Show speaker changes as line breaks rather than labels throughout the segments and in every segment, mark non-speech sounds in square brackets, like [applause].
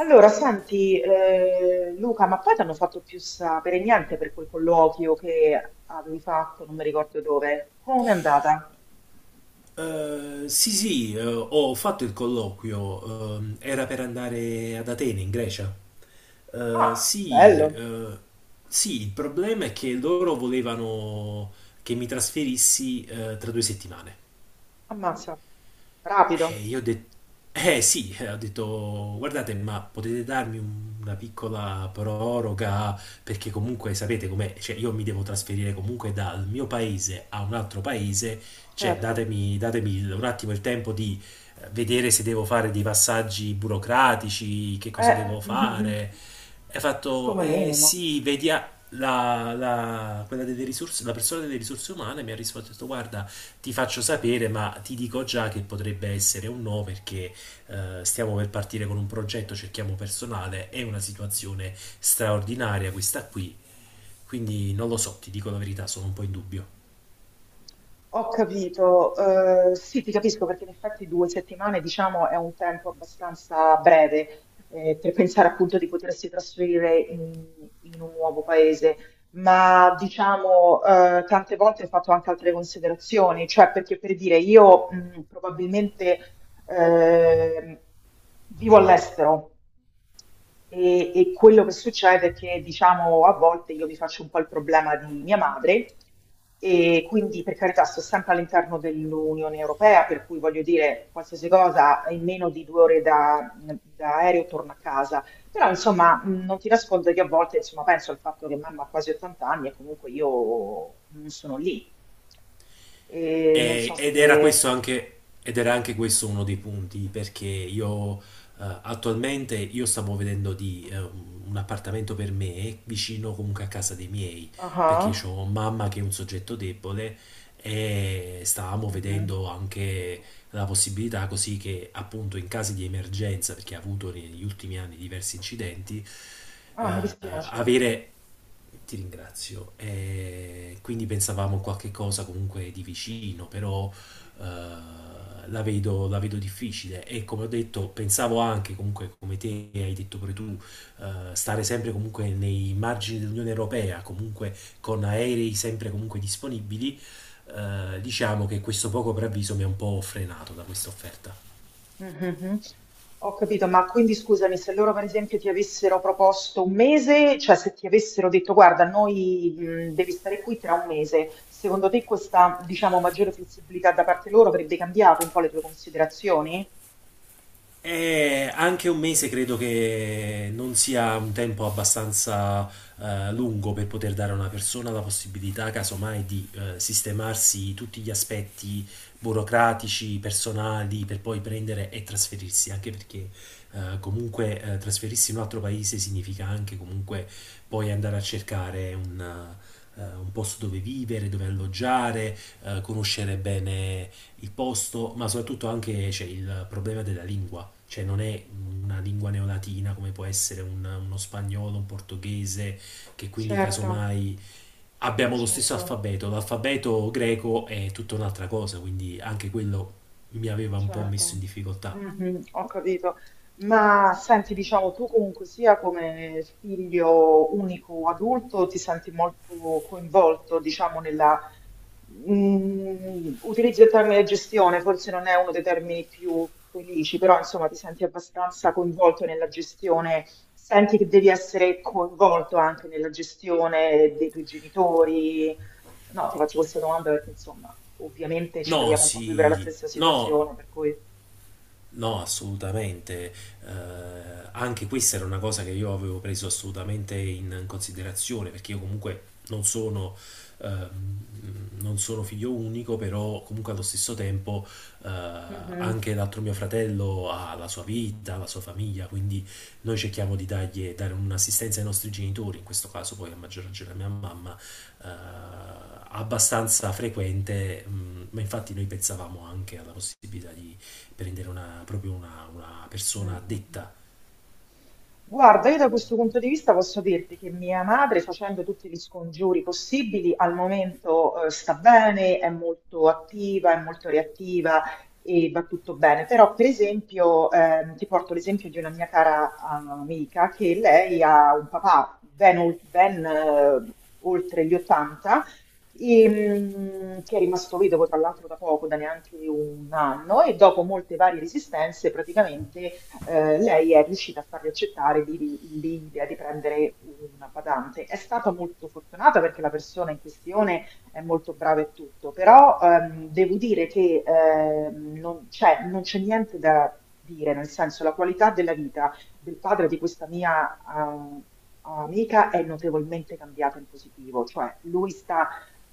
Allora, senti, Luca, ma poi ti hanno fatto più sapere niente per quel colloquio che avevi fatto, non mi ricordo dove. Come è andata?
Sì, ho fatto il colloquio, era per andare ad Atene, in Grecia. Eh,
Ah,
sì,
bello.
eh, sì, il problema è che loro volevano che mi trasferissi, tra 2 settimane.
Ammazza. Rapido.
E io ho detto, sì, ho detto, guardate, ma potete darmi una piccola proroga? Perché comunque sapete com'è, cioè io mi devo trasferire comunque dal mio paese a un altro paese, cioè
Certo.
datemi un attimo il tempo di vedere se devo fare dei passaggi burocratici, che cosa
Eh,
devo
[laughs]
fare. E ha fatto,
come
eh
minimo.
sì, vedi, ah, quella delle risorse, la persona delle risorse umane mi ha risposto, ha detto, guarda, ti faccio sapere, ma ti dico già che potrebbe essere un no perché stiamo per partire con un progetto, cerchiamo personale, è una situazione straordinaria questa qui, quindi non lo so, ti dico la verità, sono un po' in dubbio.
Ho capito, sì, ti capisco perché in effetti due settimane, diciamo, è un tempo abbastanza breve per pensare appunto di potersi trasferire in un nuovo paese, ma diciamo, tante volte ho fatto anche altre considerazioni, cioè perché per dire io probabilmente Ehm, vivo all'estero e quello che succede è che, diciamo, a volte io mi faccio un po' il problema di mia madre e quindi, per carità, sto sempre all'interno dell'Unione Europea, per cui voglio dire, qualsiasi cosa in meno di due ore da aereo torno a casa. Però, insomma, non ti nascondo che a volte, insomma, penso al fatto che mamma ha quasi 80 anni e comunque io non sono lì. E non so se...
Ed era questo anche, ed era anche questo uno dei punti perché io attualmente io stavo vedendo di un appartamento per me vicino comunque a casa dei miei,
Ah,
perché
ah,
ho mamma che è un soggetto debole e stavamo
mhm.
vedendo anche la possibilità così che appunto in caso di emergenza, perché ha avuto negli ultimi anni diversi incidenti, eh,
Ah, mi dispiace.
avere ti ringrazio. Quindi pensavamo qualche cosa comunque di vicino, però eh, la vedo difficile. E come ho detto, pensavo anche comunque, come te hai detto pure tu, stare sempre comunque nei margini dell'Unione Europea, comunque con aerei sempre comunque disponibili. Diciamo che questo poco preavviso mi ha un po' frenato da questa offerta.
Mhm. Ho capito, ma quindi scusami, se loro per esempio ti avessero proposto un mese, cioè se ti avessero detto guarda, noi devi stare qui tra un mese, secondo te questa, diciamo, maggiore flessibilità da parte loro avrebbe cambiato un po' le tue considerazioni?
Anche un mese credo che non sia un tempo abbastanza lungo per poter dare a una persona la possibilità, casomai, di sistemarsi tutti gli aspetti burocratici, personali, per poi prendere e trasferirsi, anche perché comunque trasferirsi in un altro paese significa anche comunque poi andare a cercare un posto dove vivere, dove alloggiare, conoscere bene il posto, ma soprattutto anche c'è il problema della lingua, cioè non è una lingua neolatina come può essere uno spagnolo, un portoghese, che quindi
Certo,
casomai abbiamo lo stesso
certo.
alfabeto, l'alfabeto greco è tutta un'altra cosa, quindi anche quello mi aveva un po' messo in
Certo,
difficoltà.
mhm, ho capito. Ma senti, diciamo, tu comunque sia come figlio unico o adulto ti senti molto coinvolto, diciamo, nella... Mm, utilizzo il termine gestione, forse non è uno dei termini più felici, però insomma ti senti abbastanza coinvolto nella gestione, senti che devi essere coinvolto anche nella gestione dei tuoi genitori. No, ti faccio questa domanda perché insomma, ovviamente ci
No,
troviamo un po' a vivere la
sì,
stessa
no,
situazione, per cui...
no, assolutamente. Eh, Anche questa era una cosa che io avevo preso assolutamente in considerazione, perché io comunque non sono figlio unico, però comunque allo stesso tempo eh,
Mhm,
anche l'altro mio fratello ha la sua vita, la sua famiglia, quindi noi cerchiamo di dare un'assistenza ai nostri genitori, in questo caso poi a maggior ragione a mia mamma, eh, abbastanza frequente, mm, ma infatti noi pensavamo anche alla possibilità di prendere una
mm,
persona
mm, mm.
addetta.
Guarda, io da questo punto di vista posso dirti che mia madre, facendo tutti gli scongiuri possibili, al momento, sta bene, è molto attiva, è molto reattiva e va tutto bene. Però, per esempio, ti porto l'esempio di una mia cara amica che lei ha un papà ben oltre gli 80 e, mm, che è rimasto vedovo tra l'altro da poco, da neanche un anno, e dopo molte varie resistenze praticamente lei è riuscita a fargli accettare l'idea di prendere una badante. È stata molto fortunata perché la persona in questione è molto brava e tutto, però devo dire che non c'è niente da dire, nel senso la qualità della vita del padre di questa mia... ah, amica è notevolmente cambiata in positivo, cioè lui sta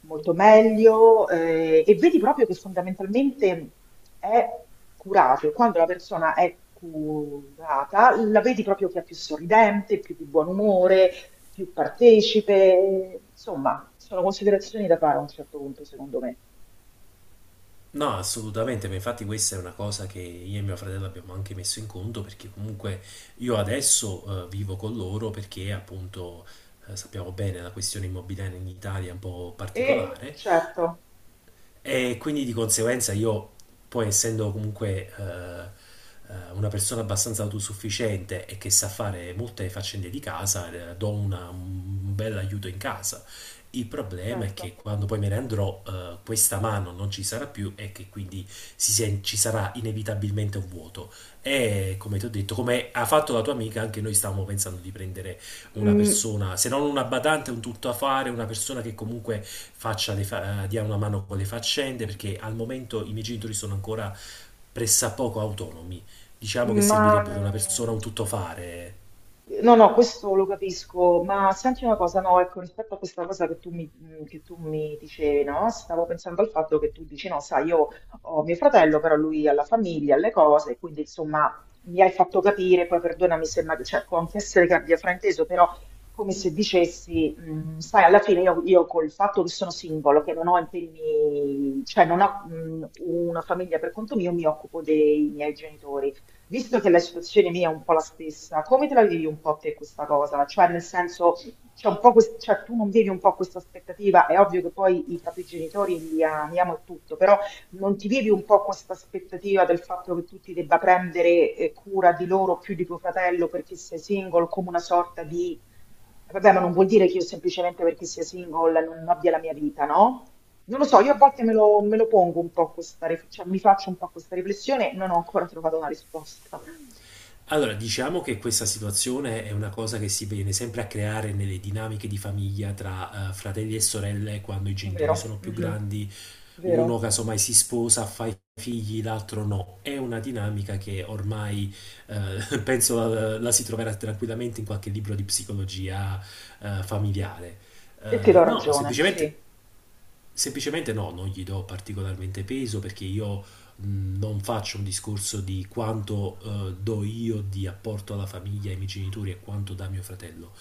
molto meglio, e vedi proprio che fondamentalmente è curato. Quando la persona è curata, la vedi proprio che è più sorridente, più di buon umore, più partecipe. Insomma, sono considerazioni da fare a un certo punto, secondo me.
No, assolutamente, ma infatti questa è una cosa che io e mio fratello abbiamo anche messo in conto perché comunque io adesso vivo con loro perché appunto sappiamo bene la questione immobiliare in Italia è un po'
E
particolare.
certo,
eh, E quindi di conseguenza io, poi essendo comunque una persona abbastanza autosufficiente e che sa fare molte faccende di casa, do un bel aiuto in casa. Il problema è
certo.
che quando poi me ne andrò, questa mano non ci sarà più e che quindi ci sarà inevitabilmente un vuoto. E come ti ho detto, come ha fatto la tua amica, anche noi stavamo pensando di prendere una
Mm,
persona, se non una badante, un tuttofare, una persona che comunque dia una mano con le faccende, perché al momento i miei genitori sono ancora pressappoco autonomi. Diciamo che
ma
servirebbe una
mm,
persona, un tuttofare.
no, no, questo lo capisco, ma senti una cosa, no, ecco, rispetto a questa cosa che che tu mi dicevi, no? Stavo pensando al fatto che tu dici, no, sai, io ho mio fratello, però lui ha la famiglia, ha le cose, quindi insomma mi hai fatto capire, poi perdonami se magari, cioè, può anche essere che abbia frainteso, però come se dicessi, mm, sai, alla fine io col fatto che sono singolo, che non ho impegni, cioè non ho mm, una famiglia per conto mio, mi occupo dei miei genitori. Visto che la situazione mia è un po' la stessa, come te la vivi un po' te questa cosa? Cioè, nel senso, c'è un po' quest- cioè, tu non vivi un po' questa aspettativa, è ovvio che poi i propri genitori li amiamo e tutto, però non ti vivi un po' questa aspettativa del fatto che tu ti debba prendere cura di loro più di tuo fratello perché sei single, come una sorta di... Vabbè, ma non vuol dire che io semplicemente perché sia single non abbia la mia vita, no? Non lo so, io a volte me lo pongo un po' cioè mi faccio un po' questa riflessione, non ho ancora trovato una risposta.
Allora, diciamo che questa situazione è una cosa che si viene sempre a creare nelle dinamiche di famiglia tra fratelli e sorelle quando i genitori
Vero,
sono più
mhm,
grandi,
vero.
uno casomai si sposa, fa i figli, l'altro no. È una dinamica che ormai [laughs] penso la si troverà tranquillamente in qualche libro di psicologia familiare. Eh,
E ti do
no,
ragione, sì.
semplicemente Semplicemente no, non gli do particolarmente peso perché io non faccio un discorso di quanto do io di apporto alla famiglia, ai miei genitori e quanto dà mio fratello.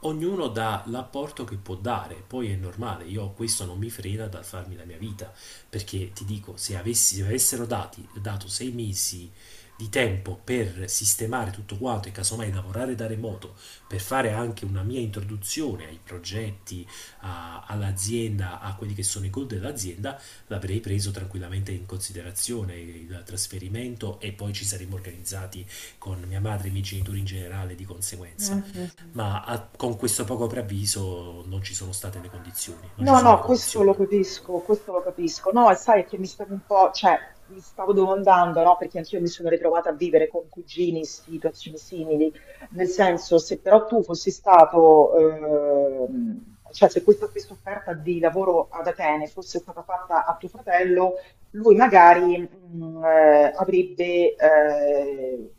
Ognuno dà l'apporto che può dare, poi è normale, io questo non mi frena dal farmi la mia vita, perché ti dico, se avessero dato 6 mesi di tempo per sistemare tutto quanto e casomai lavorare da remoto, per fare anche una mia introduzione ai progetti, all'azienda, a quelli che sono i goal dell'azienda, l'avrei preso tranquillamente in considerazione il trasferimento e poi ci saremmo organizzati con mia madre e i miei genitori in generale di conseguenza.
Mhm.
Ma con questo poco preavviso non ci sono state le condizioni, non ci
No,
sono
no,
le
questo lo
condizioni.
capisco, questo lo capisco. No, e sai che mi stavo un po', cioè, mi stavo domandando, no, perché anch'io mi sono ritrovata a vivere con cugini situazioni simili, nel senso, se però tu fossi stato, cioè, se questa stessa offerta di lavoro ad Atene fosse stata fatta a tuo fratello, lui magari, avrebbe,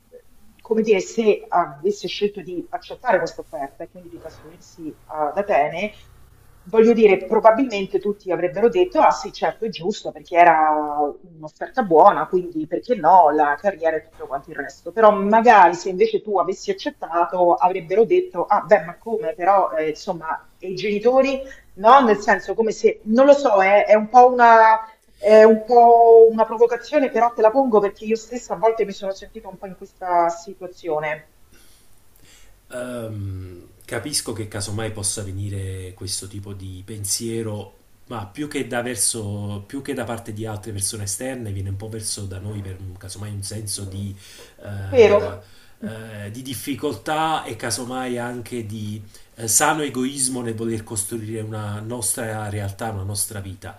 come dire, se avesse scelto di accettare questa offerta e quindi di trasferirsi ad Atene, voglio dire, probabilmente tutti avrebbero detto: "Ah sì, certo, è giusto perché era un'offerta buona, quindi perché no, la carriera e tutto quanto il resto". Però magari se invece tu avessi accettato avrebbero detto: "Ah beh, ma come però, insomma, e i genitori?" No, nel senso come se non lo so, è un po' una è un po' una provocazione, però te la pongo perché io stessa a volte mi sono sentita un po' in questa situazione.
Capisco che casomai possa venire questo tipo di pensiero, ma più che da parte di altre persone esterne, viene un po' verso da noi per casomai un senso
Vero?
eh,
Mh.
di difficoltà e casomai anche di sano egoismo nel voler costruire una nostra realtà, una nostra vita.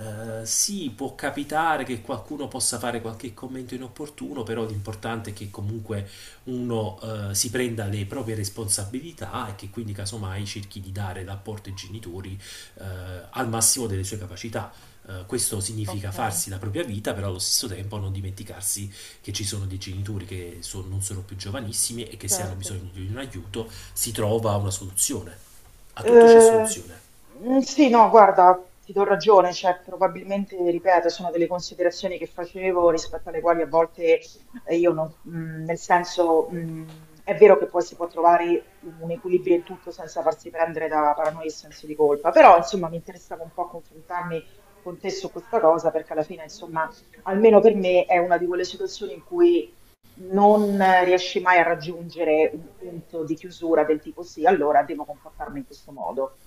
Sì, può capitare che qualcuno possa fare qualche commento inopportuno, però l'importante è che comunque uno si prenda le proprie responsabilità e che quindi casomai cerchi di dare l'apporto ai genitori eh, al massimo delle sue capacità. Questo significa
Okay,
farsi la propria vita, però allo stesso tempo non dimenticarsi che ci sono dei genitori che non sono più giovanissimi e che se hanno
certo.
bisogno di un aiuto si trova una soluzione. A tutto c'è
Eh,
soluzione.
mm, sì, no, guarda, ti do ragione, cioè probabilmente, ripeto, sono delle considerazioni che facevo rispetto alle quali a volte io non, mm, nel senso, mm, è vero che poi si può trovare un equilibrio in tutto senza farsi prendere da paranoia e senso di colpa, però insomma mi interessava un po' confrontarmi con te su questa cosa perché alla fine, insomma, almeno per me è una di quelle situazioni in cui non riesci mai a raggiungere un punto di chiusura del tipo sì, allora devo comportarmi in questo modo.